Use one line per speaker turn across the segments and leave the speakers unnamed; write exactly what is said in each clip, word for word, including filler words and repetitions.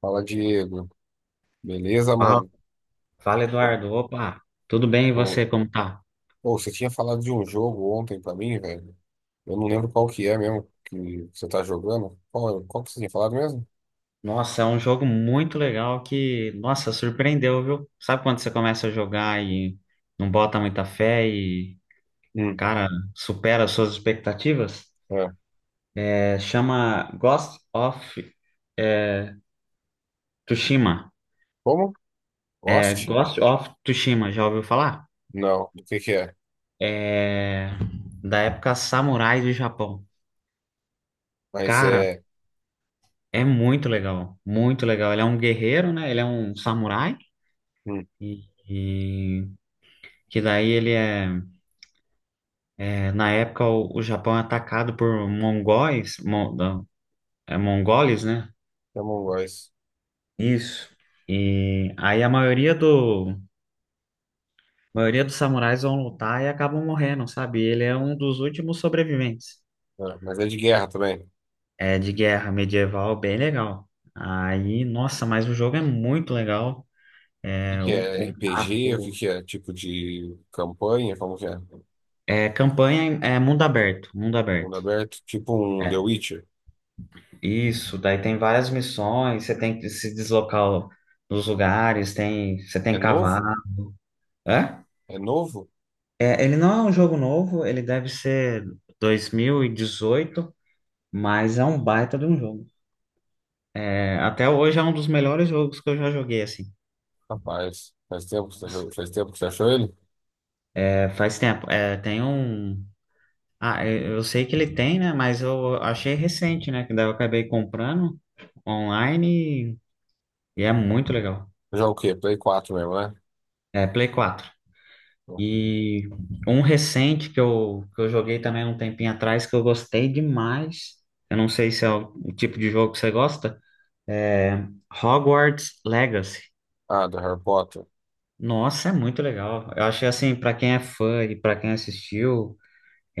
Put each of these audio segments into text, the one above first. Fala, Diego. Beleza,
Fala,
mano?
fala,
Ô,
Eduardo. Opa, tudo bem e
ô,
você, como tá?
ô, você tinha falado de um jogo ontem pra mim, velho. Eu não lembro qual que é mesmo que você tá jogando. Qual, é- qual que você tinha falado mesmo?
Nossa, é um jogo muito legal que, nossa, surpreendeu, viu? Sabe quando você começa a jogar e não bota muita fé e,
Hum,
cara, supera as suas expectativas?
é.
É, chama Ghost of é, Tsushima.
Como?
É,
Lost?
Ghost of Tsushima, já ouviu falar?
Não. O que que é?
É da época samurai do Japão.
Mas
Cara,
é...
é muito legal, muito legal. Ele é um guerreiro, né? Ele é um samurai
Hum,
e, que daí ele é, é, na época o, o Japão é atacado por mongóis, mon, não, é, mongoles, né?
é Among Us.
Isso. E aí a maioria do a maioria dos samurais vão lutar e acabam morrendo, sabe? Ele é um dos últimos sobreviventes.
É, mas é de guerra também. O
É de guerra medieval, bem legal. Aí, nossa, mas o jogo é muito legal.
que
É
que
o,
é?
o
R P G? O que
gráfico,
que é? Tipo de campanha? Como que é?
é campanha, em- é mundo aberto, mundo
Mundo
aberto.
aberto? Tipo um The
É,
Witcher.
isso, daí tem várias missões, você tem que se deslocar nos lugares, tem, você tem
É
que cavar.
novo?
É?
É novo?
É, ele não é um jogo novo, ele deve ser dois mil e dezoito, mas é um baita de um jogo. É, até hoje é um dos melhores jogos que eu já joguei, assim.
Rapaz, faz tempo que você,
Nossa.
faz tempo que você achou ele?
É, faz tempo. É, tem um. Ah, eu eu sei que ele tem, né? Mas eu achei recente, né? Que daí eu acabei comprando online e e é muito legal.
Já o quê? Play quatro mesmo, né?
É Play Quatro. E um recente que eu, que eu joguei também um tempinho atrás que eu gostei demais. Eu não sei se é o, o tipo de jogo que você gosta. É Hogwarts Legacy.
Ah, do Harry Potter.
Nossa, é muito legal. Eu achei assim, pra quem é fã e pra quem assistiu,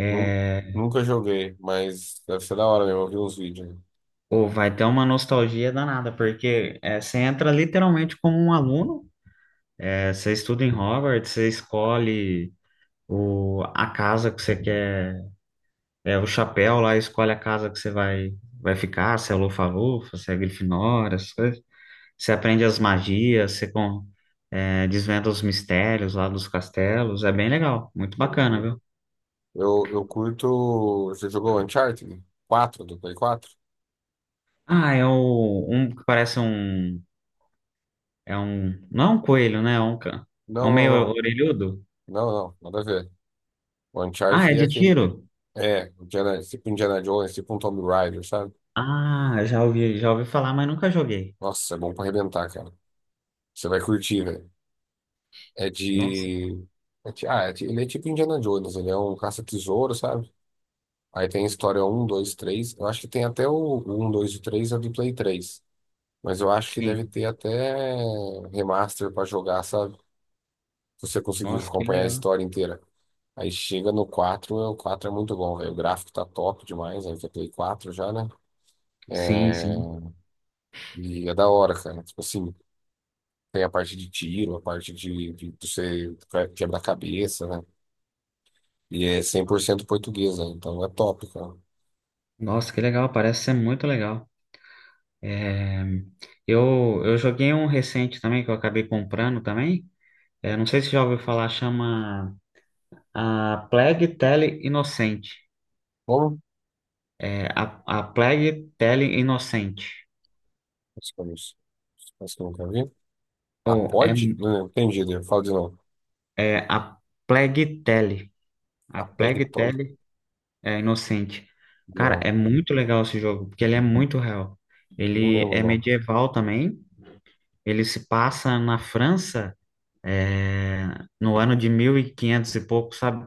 Nu- Nunca joguei, mas deve ser da hora mesmo. Eu vi uns vídeos, né?
pô, vai ter uma nostalgia danada, porque é, você entra literalmente como um aluno. É, você estuda em Hogwarts, você escolhe o, a casa que você quer. É, o chapéu lá escolhe a casa que você vai, vai ficar, se é Lufa-Lufa, se é Grifinória, essas coisas. Você aprende as magias, você com, é, desvenda os mistérios lá dos castelos. É bem legal, muito bacana,
Entendi.
viu?
Eu, eu curto. Você jogou Uncharted quatro do Play quatro?
Ah, é o, um que parece um... É um... Não é um coelho, né? É um, ca- é um
Não, não,
meio
não.
orelhudo.
Não, não. Nada a ver. O
Ah, é
Uncharted é
de
aquele.
tiro?
É, Indiana, tipo Indiana Jones, tipo um Tomb Raider, sabe?
Ah, já ouvi, já ouvi falar, mas nunca joguei.
Nossa, é bom pra arrebentar, cara. Você vai curtir, velho. É
Nossa,
de. é de- ah, é de- ele é tipo Indiana Jones. Ele é um caça-tesouro, sabe? Aí tem história um, dois, três. Eu acho que tem até o um, dois e três é do Play três. Mas eu acho que deve
sim.
ter até remaster pra jogar, sabe? Se você conseguir
Nossa, que
acompanhar a
legal.
história inteira. Aí chega no quatro. O quatro é muito bom, velho. O gráfico tá top demais, aí que é Play quatro já, né?
Sim,
É...
sim.
E é da hora, cara. Tipo assim, tem a parte de tiro, a parte de, de você quebra cabeça, né? E é cem por cento portuguesa, então é top, cara.
Nossa, que legal. Parece ser muito legal. É, eu, eu joguei um recente também que eu acabei comprando também. É, não sei se já ouviu falar, chama a Plague Tale Inocente.
Bom,
É, a, a Plague Tale Inocente.
acho que eu não- acho que eu nunca vi. A
Ou é,
pod? Não, entendi, Diego. Fala de novo.
é a Plague Tale.
A
A Plague
PegPod?
Tale é Inocente. Cara,
Não,
é muito legal esse jogo, porque ele é muito real.
não
Ele
lembro
é
não.
medieval também. Ele se passa na França, é, no ano de mil e quinhentos e pouco, sabe?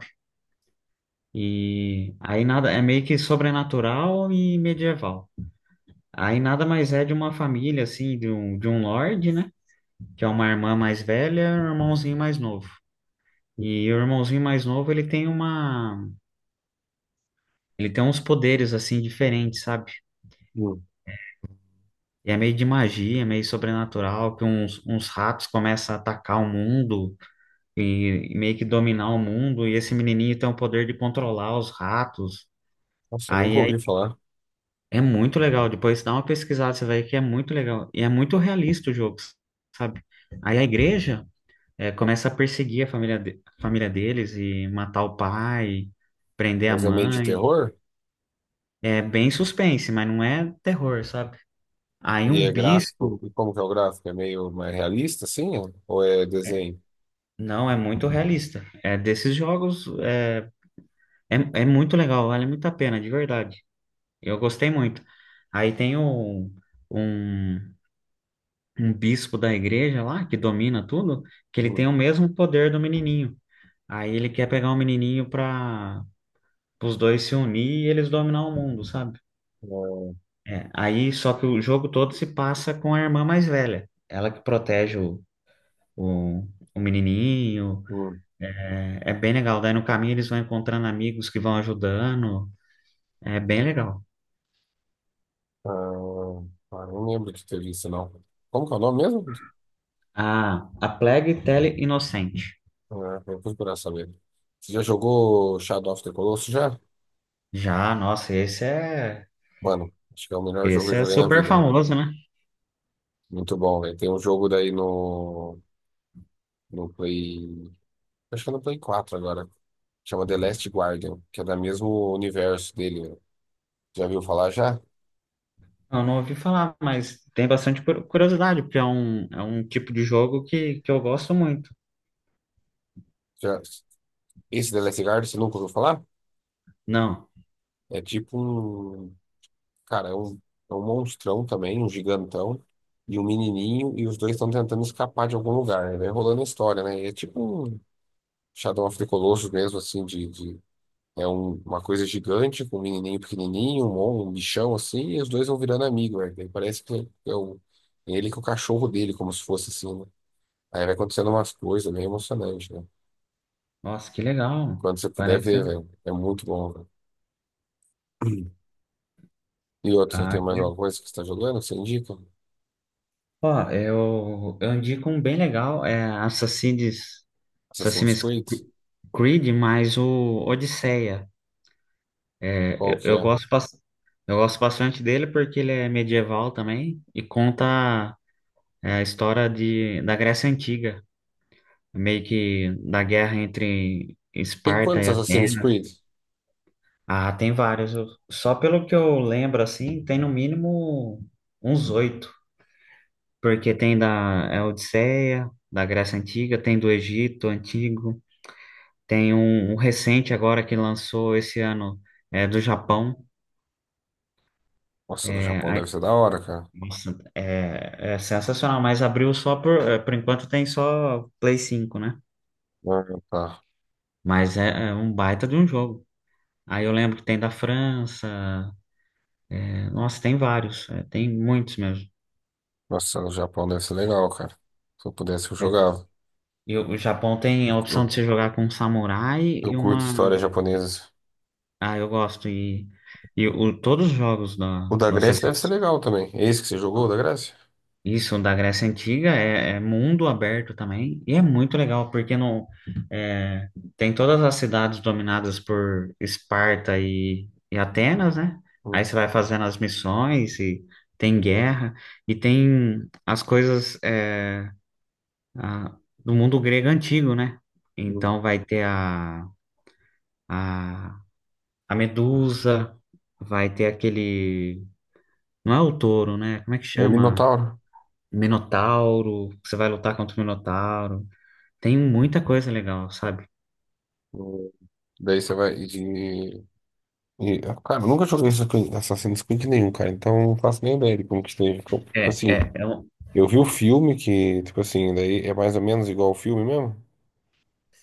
E aí nada, é meio que sobrenatural e medieval. Aí nada mais é de uma família, assim, de um, de um lorde, né? Que é uma irmã mais velha e um irmãozinho mais novo. E o irmãozinho mais novo, ele tem uma... Ele tem uns poderes, assim, diferentes, sabe?
Hum.
E é meio de magia, é meio sobrenatural, que uns, uns ratos começam a atacar o mundo e, e meio que dominar o mundo. E esse menininho tem o poder de controlar os ratos.
Nossa, eu nunca
Aí
ouvi falar.
é muito legal. Depois dá uma pesquisada, você vai ver que é muito legal. E é muito realista o jogo, sabe? Aí a igreja eh, começa a perseguir a família, de- a família deles e matar o pai, prender a
Mas é meio de
mãe.
terror?
É bem suspense, mas não é terror, sabe? Aí
E
um
é gráfico.
bispo.
E como que é o gráfico? É meio mais realista, assim? Ou é
é,
desenho?
Não, é muito realista. É desses jogos. É, é, é muito legal, vale muito a pena, de verdade. Eu gostei muito. Aí tem um, um um bispo da igreja lá, que domina tudo, que ele tem
Hum.
o mesmo poder do menininho. Aí ele quer pegar o menininho para os dois se unir e eles dominar o mundo, sabe?
É,
É, aí só que o jogo todo se passa com a irmã mais velha. Ela que protege o, o, o menininho.
hum.
É, é bem legal. Daí no caminho eles vão encontrando amigos que vão ajudando. É bem legal.
Ah, ah, não lembro de ter visto, não. Como que é o nome mesmo?
Ah, A Plague Tale Inocente.
Ah, vou procurar saber. Você já jogou Shadow of the Colossus já?
Já, nossa, esse é,
Mano, acho que é o melhor jogo que
esse
eu
é
joguei na
super
vida.
famoso, né?
Muito bom, velho. Tem um jogo daí no, no Play. Acho que é no Play quatro agora. Chama The Last Guardian, que é do mesmo universo dele, né? Já viu falar já?
Eu não ouvi falar, mas tem bastante cur- curiosidade, porque é um, é um tipo de jogo que, que eu gosto muito.
Já- Esse The Last Guardian, você nunca ouviu falar?
Não,
É tipo um. Cara, é um, é um monstrão também, um gigantão, e um menininho, e os dois estão tentando escapar de algum lugar, né? Vai rolando a história, né? E é tipo um Shadow of the Colossus mesmo, assim, de. de- é um- uma coisa gigante, com um menininho pequenininho, um, mon- um bichão assim, e os dois vão virando amigos, né? Daí parece que é o. é ele com o cachorro dele, como se fosse assim, né? Aí vai acontecendo umas coisas meio emocionantes, né?
nossa, que legal.
Quando você puder
Parece.
ver, velho. É muito bom, velho. E outra, tem
Ah,
mais
que-
alguma coisa que você tá jogando? Você indica?
ó, eu, eu indico um bem legal, é Assassin's,
Assassin's
Assassin's
Creed?
Creed, mas o Odisseia. É,
Qual
eu,
que
eu
é?
gosto, bas- eu gosto bastante dele porque ele é medieval também e conta é, a história de, da Grécia Antiga, meio que da guerra entre
Tem
Esparta
quantos
e
Assassin's
Atenas.
Creed?
Ah, tem vários. Eu- Só pelo que eu lembro, assim, tem no mínimo uns oito. Porque tem da é Odisseia, da Grécia Antiga, tem do Egito Antigo, tem um, um recente agora que lançou esse ano, é do Japão.
Nossa, do
É,
Japão
ai,
deve ser da hora, cara.
nossa, é, é sensacional, mas abriu só por... é, Por enquanto tem só Play cinco, né?
Ah, tá.
Mas é, é um baita de um jogo. Aí eu lembro que tem da França. é, Nossa, tem vários. é, tem muitos mesmo.
Nossa, do Japão deve ser legal, cara. Se eu pudesse, eu jogava.
E o o Japão tem
Eu,
a opção
eu,
de você jogar com um samurai
eu
e
curto
uma.
histórias japonesas.
Ah, eu gosto. E, e o, todos os jogos da,
O da
dessa
Grécia deve ser
seleção.
legal também. É esse que você jogou, o da Grécia?
Isso, da Grécia Antiga, é, é mundo aberto também. E é muito legal, porque não, é, tem todas as cidades dominadas por Esparta e, e Atenas, né?
Hum,
Aí você vai fazendo as missões e tem guerra. E tem as coisas é, a- do mundo grego antigo, né?
hum.
Então vai ter a A, a Medusa, vai ter aquele. Não é o touro, né? Como é que
É
chama?
Minotauro.
Minotauro. Você vai lutar contra o Minotauro. Tem muita coisa legal, sabe?
Hum. Daí você vai. E, cara, eu nunca joguei Assassin- Assassin's Creed nenhum, cara, então eu não faço nem ideia de como que esteja. Tipo tipo
É,
assim,
é, é um...
eu vi o filme que, tipo assim, daí é mais ou menos igual o filme mesmo?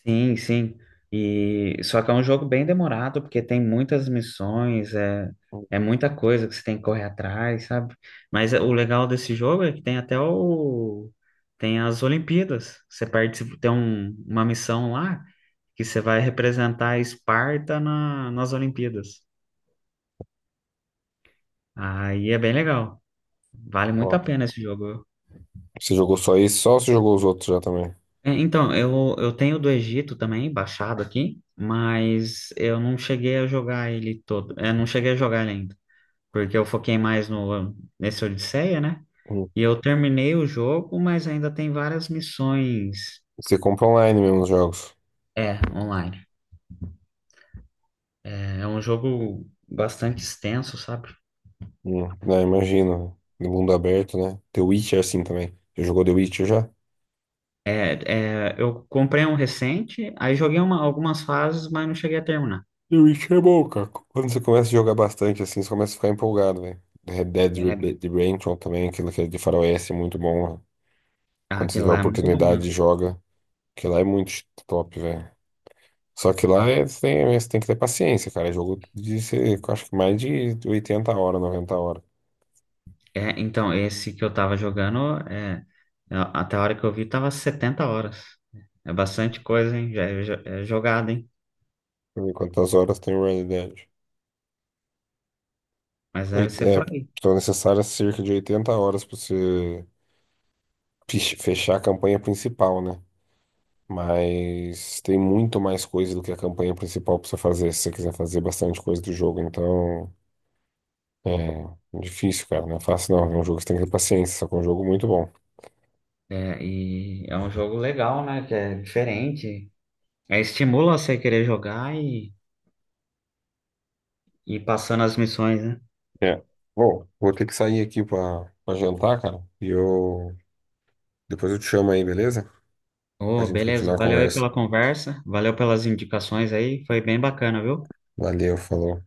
Sim, sim. E só que é um jogo bem demorado, porque tem muitas missões, é, é muita coisa que você tem que correr atrás, sabe? Mas é- o legal desse jogo é que tem até o tem as Olimpíadas. Você participa, tem um- uma missão lá que você vai representar a Esparta na, nas Olimpíadas. Aí é bem legal. Vale muito
Ó,
a pena esse jogo.
você jogou só esse, só ou você jogou os outros já também?
É, então, eu, eu tenho do Egito também, baixado aqui, mas eu não cheguei a jogar ele todo. Eu não cheguei a jogar ele ainda, porque eu foquei mais no, nesse Odisseia, né?
Hum.
E eu terminei o jogo, mas ainda tem várias missões,
Você compra online mesmo os jogos.
é, online. É é um jogo bastante extenso, sabe?
Hum. Não, imagino. No mundo aberto, né? The Witcher assim também. Você jogou The Witcher já?
É, é, eu comprei um recente, aí joguei uma- algumas fases, mas não cheguei a terminar.
The Witcher é bom, cara. Quando você começa a jogar bastante assim, você começa a ficar empolgado, velho. Red Dead
É,
Rebe- Redemption também, aquilo que é de faroeste é muito bom, né?
ah,
Quando você
aquele
tiver a
lá é muito bom,
oportunidade,
né?
joga. Que lá é muito top, velho. Só que lá é, você tem, você tem que ter paciência, cara. É jogo de, você- eu acho que mais de oitenta horas, noventa horas.
É, então, esse que eu tava jogando, é, é, até a hora que eu vi, tava setenta horas. É bastante coisa, hein? Já É, jo- é jogada, hein?
Deixa eu ver quantas horas tem o Red Dead.
Mas deve
Oit-
ser
é,
por aí.
são necessárias cerca de oitenta horas pra você fech- fechar a campanha principal, né? Mas tem muito mais coisa do que a campanha principal pra você fazer, se você quiser fazer bastante coisa do jogo. Então, é difícil, cara. Não é fácil, não. É um jogo que você tem que ter paciência, só que é um jogo muito bom.
É, e é um jogo legal, né? Que é diferente. É, estimula você querer jogar e, e ir passando as missões, né?
É. Bom, vou ter que sair aqui pra, pra jantar, cara. E eu. Depois eu te chamo aí, beleza? Pra
Ô,
gente
beleza.
continuar a
Valeu aí
conversa.
pela conversa. Valeu pelas indicações aí. Foi bem bacana, viu?
Valeu, falou.